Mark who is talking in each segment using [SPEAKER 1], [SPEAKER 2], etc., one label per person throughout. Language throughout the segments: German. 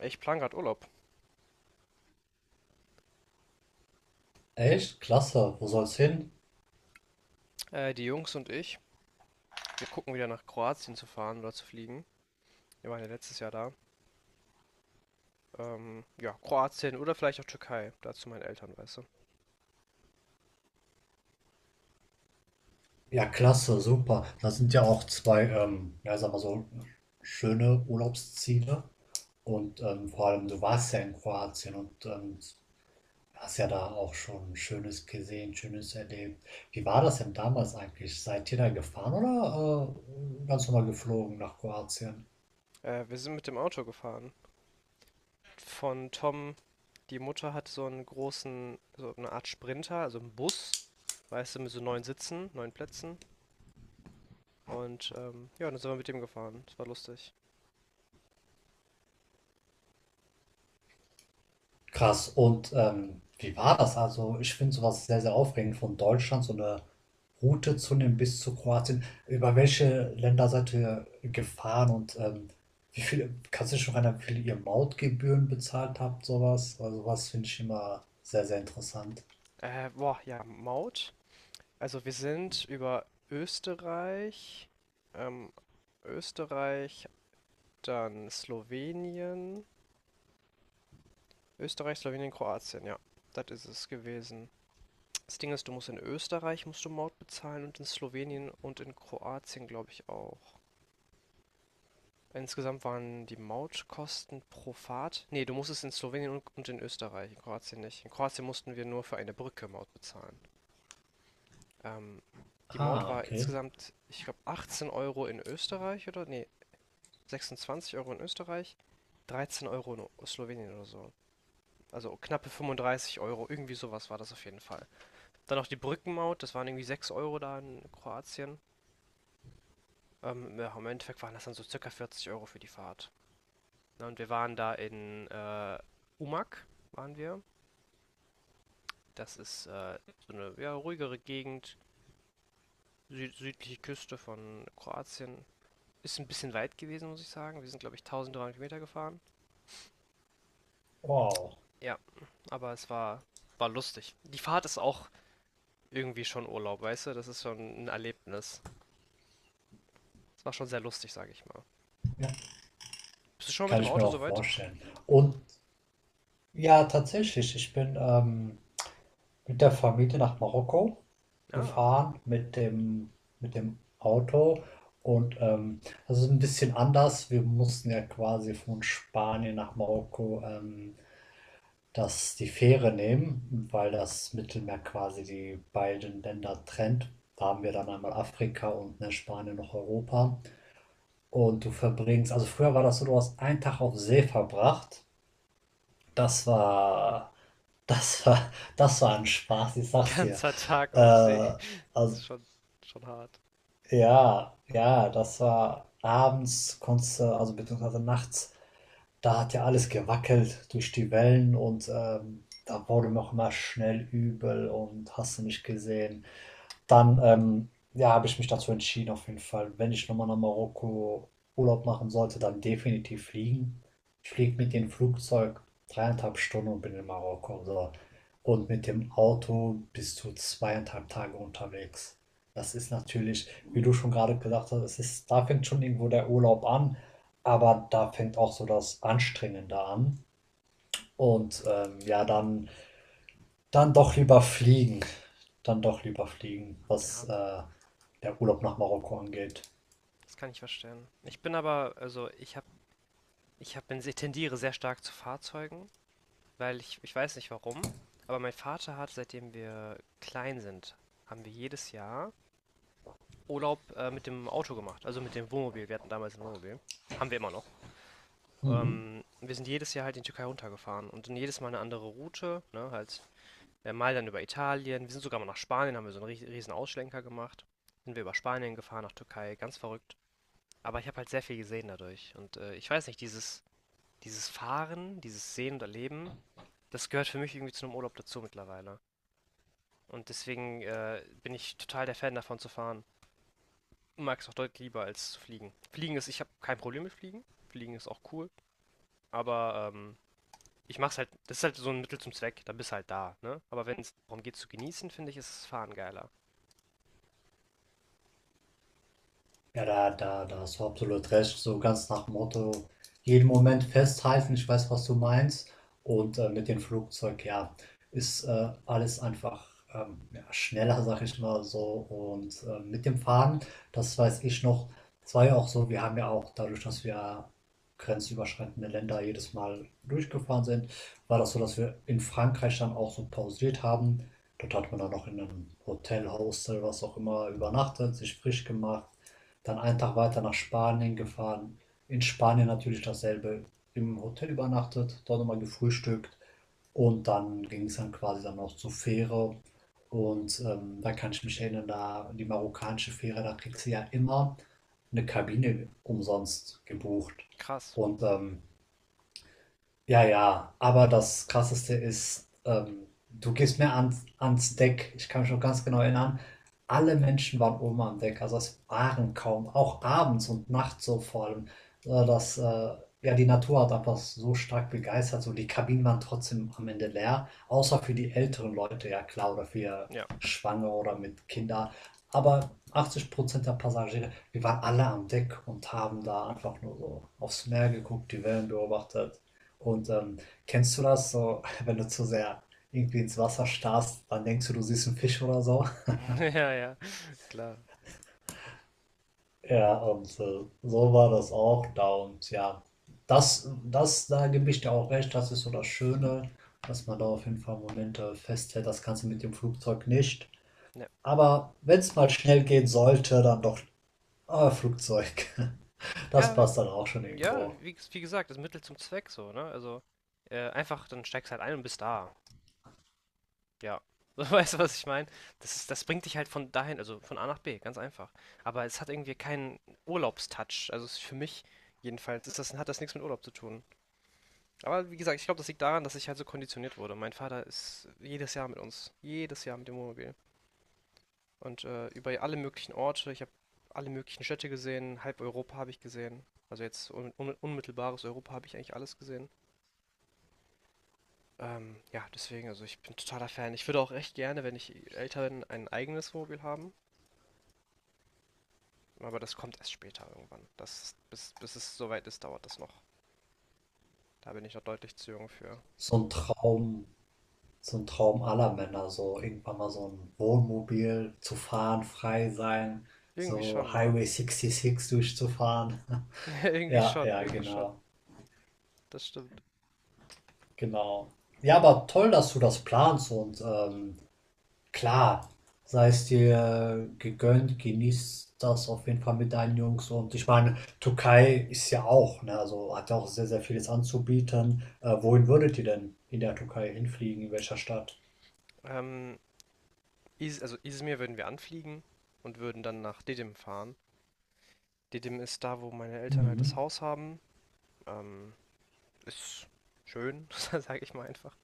[SPEAKER 1] Ich plan gerade Urlaub.
[SPEAKER 2] Echt? Klasse. Wo soll's hin?
[SPEAKER 1] Die Jungs und ich, wir gucken wieder nach Kroatien zu fahren oder zu fliegen. Wir waren ja letztes Jahr da. Ja, Kroatien oder vielleicht auch Türkei. Dazu meine Eltern, weißt du.
[SPEAKER 2] Ja, klasse, super. Das sind ja auch zwei, ja, sag mal so, schöne Urlaubsziele. Und vor allem, du warst ja in Kroatien und hast ja da auch schon Schönes gesehen, Schönes erlebt. Wie war das denn damals eigentlich? Seid ihr da gefahren oder ganz normal geflogen nach Kroatien?
[SPEAKER 1] Wir sind mit dem Auto gefahren. Von Tom, die Mutter hat so einen großen, so eine Art Sprinter, also einen Bus, weißt du, mit so neun Sitzen, neun Plätzen. Und ja, dann sind wir mit dem gefahren. Das war lustig.
[SPEAKER 2] Krass. Und wie war das? Also, ich finde sowas sehr, sehr aufregend, von Deutschland so eine Route zu nehmen bis zu Kroatien. Über welche Länder seid ihr gefahren und wie viel, kannst du dich noch erinnern, wie viel ihr Mautgebühren bezahlt habt, sowas? Also, was finde ich immer sehr, sehr interessant.
[SPEAKER 1] Boah, ja, Maut. Also wir sind über Österreich, ähm, Österreich, dann Slowenien, Österreich, Slowenien, Kroatien, ja. Das ist es gewesen. Das Ding ist, du musst in Österreich musst du Maut bezahlen und in Slowenien und in Kroatien, glaube ich, auch. Insgesamt waren die Mautkosten pro Fahrt. Nee, du musstest in Slowenien und in Österreich, in Kroatien nicht. In Kroatien mussten wir nur für eine Brücke Maut bezahlen. Ähm, Die Maut
[SPEAKER 2] Ah,
[SPEAKER 1] war
[SPEAKER 2] okay.
[SPEAKER 1] insgesamt, ich glaube, 18 Euro in Österreich oder? Nee, 26 Euro in Österreich, 13 Euro in Slowenien oder so. Also knappe 35 Euro, irgendwie sowas war das auf jeden Fall. Dann noch die Brückenmaut, das waren irgendwie 6 Euro da in Kroatien. Ja, im Endeffekt waren das dann so circa 40 Euro für die Fahrt. Ne, und wir waren da in Umag, waren wir. Das ist so eine ja, ruhigere Gegend, südliche Küste von Kroatien. Ist ein bisschen weit gewesen, muss ich sagen. Wir sind, glaube ich, 1300 Kilometer gefahren.
[SPEAKER 2] Wow.
[SPEAKER 1] Ja, aber war lustig. Die Fahrt ist auch irgendwie schon Urlaub, weißt du? Das ist schon ein Erlebnis. Das war schon sehr lustig, sage ich mal.
[SPEAKER 2] Ja,
[SPEAKER 1] Bist du schon mit
[SPEAKER 2] kann
[SPEAKER 1] dem
[SPEAKER 2] ich mir
[SPEAKER 1] Auto
[SPEAKER 2] auch
[SPEAKER 1] soweit?
[SPEAKER 2] vorstellen. Und ja, tatsächlich, ich bin mit der Familie nach Marokko
[SPEAKER 1] Ja,
[SPEAKER 2] gefahren, mit dem Auto und das ist ein bisschen anders. Wir mussten ja quasi von Spanien nach Marokko, das die Fähre nehmen, weil das Mittelmeer quasi die beiden Länder trennt. Da haben wir dann einmal Afrika und, ne, Spanien noch Europa. Und du verbringst also früher war das so, du hast einen Tag auf See verbracht. Das war das war das war ein Spaß, ich
[SPEAKER 1] ein
[SPEAKER 2] sag's dir.
[SPEAKER 1] ganzer Tag
[SPEAKER 2] Äh,
[SPEAKER 1] auf See. Das
[SPEAKER 2] also
[SPEAKER 1] ist schon hart.
[SPEAKER 2] ja, ja, das war abends konntest du also beziehungsweise nachts, da hat ja alles gewackelt durch die Wellen und da wurde mir auch immer schnell übel und hast du nicht gesehen. Dann, ja, habe ich mich dazu entschieden, auf jeden Fall. Wenn ich nochmal nach Marokko Urlaub machen sollte, dann definitiv fliegen. Ich fliege mit dem Flugzeug 3,5 Stunden und bin in Marokko. So. Und mit dem Auto bis zu 2,5 Tage unterwegs. Das ist natürlich, wie du schon gerade gesagt hast, es ist, da fängt schon irgendwo der Urlaub an, aber da fängt auch so das Anstrengende an. Und ja, dann doch lieber fliegen. Dann doch lieber fliegen, was
[SPEAKER 1] Ja,
[SPEAKER 2] der Urlaub nach Marokko angeht.
[SPEAKER 1] das kann ich verstehen. Ich bin aber, also ich tendiere sehr stark zu Fahrzeugen, weil ich weiß nicht warum, aber mein Vater hat, seitdem wir klein sind, haben wir jedes Jahr Urlaub mit dem Auto gemacht, also mit dem Wohnmobil. Wir hatten damals ein Wohnmobil. Haben wir immer noch.
[SPEAKER 2] Mhm.
[SPEAKER 1] Wir sind jedes Jahr halt in die Türkei runtergefahren und dann jedes Mal eine andere Route, ne, halt mal dann über Italien. Wir sind sogar mal nach Spanien, haben wir so einen riesen Ausschlenker gemacht. Sind wir über Spanien gefahren, nach Türkei, ganz verrückt. Aber ich habe halt sehr viel gesehen dadurch. Und ich weiß nicht, dieses Fahren, dieses Sehen und Erleben, das gehört für mich irgendwie zu einem Urlaub dazu mittlerweile. Und deswegen bin ich total der Fan davon zu fahren. Mag es auch deutlich lieber als zu fliegen. Fliegen ist, ich habe kein Problem mit Fliegen. Fliegen ist auch cool. Aber ich mach's halt, das ist halt so ein Mittel zum Zweck, dann bist du halt da, ne? Aber wenn es darum geht zu genießen, finde ich, ist das Fahren geiler.
[SPEAKER 2] Ja, da hast du absolut recht. So ganz nach dem Motto, jeden Moment festhalten, ich weiß, was du meinst. Und mit dem Flugzeug, ja, ist alles einfach ja, schneller, sag ich mal so. Und mit dem Fahren, das weiß ich noch, das war ja auch so, wir haben ja auch dadurch, dass wir grenzüberschreitende Länder jedes Mal durchgefahren sind, war das so, dass wir in Frankreich dann auch so pausiert haben. Dort hat man dann noch in einem Hotel, Hostel, was auch immer übernachtet, sich frisch gemacht dann einen Tag weiter nach Spanien gefahren. In Spanien natürlich dasselbe. Im Hotel übernachtet, dort nochmal gefrühstückt und dann ging es dann quasi dann noch zur Fähre. Und da kann ich mich erinnern, da die marokkanische Fähre, da kriegst du ja immer eine Kabine umsonst gebucht.
[SPEAKER 1] Krass.
[SPEAKER 2] Und ja, ja, aber das Krasseste ist, du gehst mir ans Deck. Ich kann mich noch ganz genau erinnern. Alle Menschen waren oben am Deck, also es waren kaum, auch abends und nachts so vor allem. Ja, die Natur hat einfach so stark begeistert. So die Kabinen waren trotzdem am Ende leer, außer für die älteren Leute, ja klar, oder für
[SPEAKER 1] Ja.
[SPEAKER 2] Schwangere oder mit Kindern. Aber 80% der Passagiere, wir waren alle am Deck und haben da einfach nur so aufs Meer geguckt, die Wellen beobachtet. Und kennst du das so, wenn du zu sehr irgendwie ins Wasser starrst, dann denkst du, du siehst einen Fisch oder so?
[SPEAKER 1] Ja, ja, klar.
[SPEAKER 2] Ja, und so war das auch da. Und ja, da gebe ich dir auch recht, das ist so das Schöne, dass man da auf jeden Fall Momente festhält. Das kannst du mit dem Flugzeug nicht.
[SPEAKER 1] Ja,
[SPEAKER 2] Aber wenn es mal schnell gehen sollte, dann doch Flugzeug. Das
[SPEAKER 1] ja,
[SPEAKER 2] passt dann auch schon
[SPEAKER 1] ja
[SPEAKER 2] irgendwo.
[SPEAKER 1] wie, wie gesagt, das Mittel zum Zweck so, ne? Also einfach, dann steigst halt ein und bist da. Ja. So, weißt du, was ich meine? Das ist, das bringt dich halt von dahin, also von A nach B, ganz einfach. Aber es hat irgendwie keinen Urlaubstouch. Also es ist für mich jedenfalls ist das, hat das nichts mit Urlaub zu tun. Aber wie gesagt, ich glaube, das liegt daran, dass ich halt so konditioniert wurde. Mein Vater ist jedes Jahr mit uns. Jedes Jahr mit dem Wohnmobil. Und über alle möglichen Orte, ich habe alle möglichen Städte gesehen, halb Europa habe ich gesehen. Also jetzt un un unmittelbares Europa habe ich eigentlich alles gesehen. Ja, deswegen, also ich bin totaler Fan. Ich würde auch recht gerne, wenn ich älter bin, ein eigenes Wohnmobil haben. Aber das kommt erst später irgendwann. Das, bis es soweit ist, dauert das noch. Da bin ich noch deutlich zu jung für.
[SPEAKER 2] So ein Traum, so ein Traum aller Männer, so irgendwann mal so ein Wohnmobil zu fahren, frei sein,
[SPEAKER 1] Irgendwie
[SPEAKER 2] so
[SPEAKER 1] schon, ne?
[SPEAKER 2] Highway 66 durchzufahren.
[SPEAKER 1] Ja, irgendwie
[SPEAKER 2] Ja,
[SPEAKER 1] schon,
[SPEAKER 2] ja,
[SPEAKER 1] irgendwie schon.
[SPEAKER 2] genau,
[SPEAKER 1] Das stimmt.
[SPEAKER 2] genau. Ja, aber toll, dass du das planst und klar, sei es dir gegönnt, genieß das auf jeden Fall mit deinen Jungs und ich meine, Türkei ist ja auch, ne, also hat ja auch sehr, sehr vieles anzubieten. Wohin würdet ihr denn in der Türkei hinfliegen, in welcher Stadt?
[SPEAKER 1] Ähm, Is Also Izmir würden wir anfliegen und würden dann nach Didim fahren. Didim ist da, wo meine Eltern halt das
[SPEAKER 2] Mhm.
[SPEAKER 1] Haus haben. Ähm, Ist schön, sage ich mal einfach.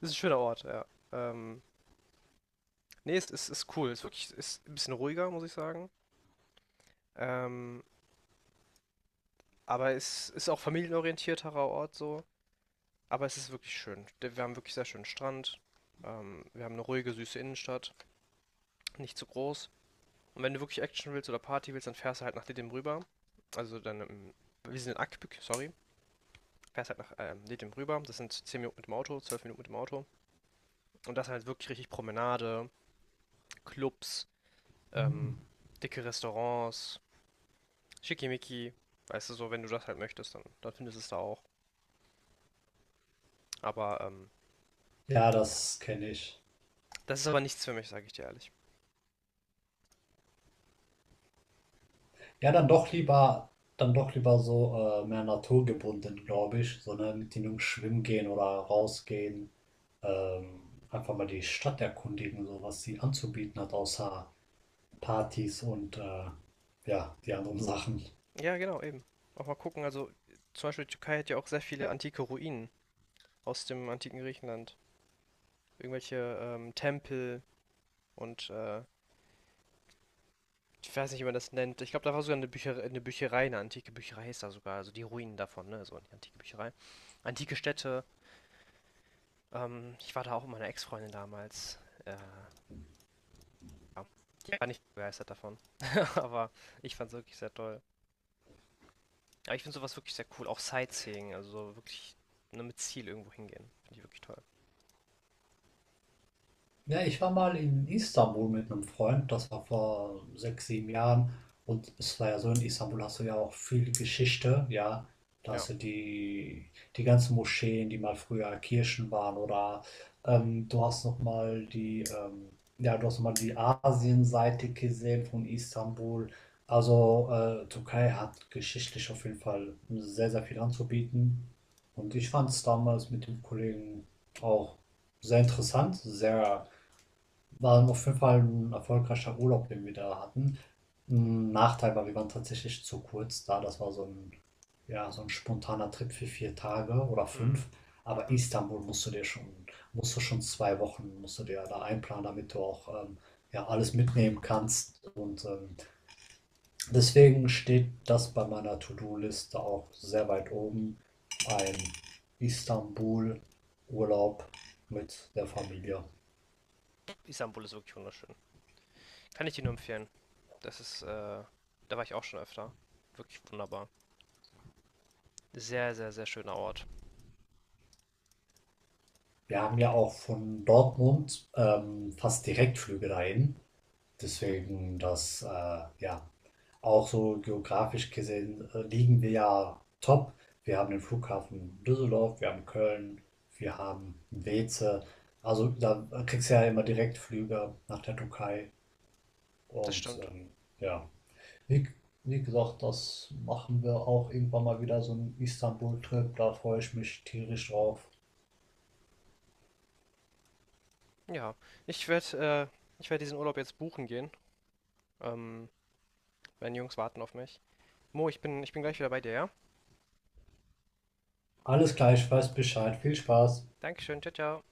[SPEAKER 1] Ist ein schöner Ort, ja. Ähm, Nee, ist cool. Ist ein bisschen ruhiger, muss ich sagen. Ähm, aber es ist auch familienorientierterer Ort so. Aber es ist wirklich schön. Wir haben wirklich sehr schönen Strand. Wir haben eine ruhige, süße Innenstadt. Nicht zu groß. Und wenn du wirklich Action willst oder Party willst, dann fährst du halt nach Didim rüber. Also wir sind in Akbük, sorry. Fährst halt nach Didim rüber. Das sind 10 Minuten mit dem Auto, 12 Minuten mit dem Auto. Und das halt wirklich richtig Promenade, Clubs, ähm,
[SPEAKER 2] Mhm.
[SPEAKER 1] dicke Restaurants, schickimicki. Weißt du, so, wenn du das halt möchtest, dann findest du es da auch. Aber
[SPEAKER 2] Ja,
[SPEAKER 1] ja,
[SPEAKER 2] das kenne ich.
[SPEAKER 1] das ist aber nichts für mich, sage ich dir ehrlich.
[SPEAKER 2] Ja, dann doch lieber so mehr naturgebunden, glaube ich. So, ne, mit den Jungs schwimmen gehen oder rausgehen. Ähm, einfach mal die Stadt erkundigen, so was sie anzubieten hat, außer Partys und ja, die anderen Sachen.
[SPEAKER 1] Ja, genau, eben. Auch mal gucken, also zum Beispiel die Türkei hat ja auch sehr viele antike Ruinen aus dem antiken Griechenland. Irgendwelche Tempel und ich weiß nicht, wie man das nennt. Ich glaube, da war sogar eine antike Bücherei ist da sogar, also die Ruinen davon, ne? So eine antike Bücherei. Antike Städte. Ich war da auch mit meiner Ex-Freundin damals. Äh, ja. Die war nicht begeistert davon. Aber ich fand es wirklich sehr toll. Aber ich finde sowas wirklich sehr cool. Auch Sightseeing, also so wirklich, ne, mit Ziel irgendwo hingehen. Finde ich wirklich toll.
[SPEAKER 2] Ja, ich war mal in Istanbul mit einem Freund, das war vor 6, 7 Jahren. Und es war ja so, in Istanbul hast du ja auch viel Geschichte, ja. Da
[SPEAKER 1] Ja.
[SPEAKER 2] hast du die ganzen Moscheen, die mal früher Kirchen waren, oder du hast nochmal die, ja, du hast noch mal die Asienseite gesehen von Istanbul. Also Türkei hat geschichtlich auf jeden Fall sehr, sehr viel anzubieten. Und ich fand es damals mit dem Kollegen auch sehr interessant, sehr war auf jeden Fall ein erfolgreicher Urlaub, den wir da hatten. 'N Nachteil war, wir waren tatsächlich zu kurz da. Das war so ein ja, so ein spontaner Trip für 4 Tage oder 5.
[SPEAKER 1] Hm.
[SPEAKER 2] Aber
[SPEAKER 1] Mhm.
[SPEAKER 2] Istanbul musst du dir schon musst du schon 2 Wochen musst du dir da einplanen, damit du auch ja, alles mitnehmen kannst. Und deswegen steht das bei meiner To-do-Liste auch sehr weit oben, ein Istanbul-Urlaub mit der Familie.
[SPEAKER 1] Istanbul ist wirklich wunderschön. Kann ich dir nur empfehlen. Das ist, da war ich auch schon öfter. Wirklich wunderbar. Sehr, sehr, sehr schöner Ort.
[SPEAKER 2] Wir haben ja auch von Dortmund, fast Direktflüge dahin. Deswegen, ja, auch so geografisch gesehen liegen wir ja top. Wir haben den Flughafen Düsseldorf, wir haben Köln, wir haben Weeze. Also da kriegst du ja immer Direktflüge nach der Türkei.
[SPEAKER 1] Das
[SPEAKER 2] Und
[SPEAKER 1] stimmt.
[SPEAKER 2] ja, wie, wie gesagt, das machen wir auch irgendwann mal wieder so einen Istanbul-Trip. Da freue ich mich tierisch drauf.
[SPEAKER 1] Ja. Ich werde diesen Urlaub jetzt buchen gehen. Ähm, Meine Jungs warten auf mich. Mo, ich bin gleich wieder bei dir, ja?
[SPEAKER 2] Alles gleich, weiß Bescheid. Viel Spaß.
[SPEAKER 1] Dankeschön, ciao, ciao.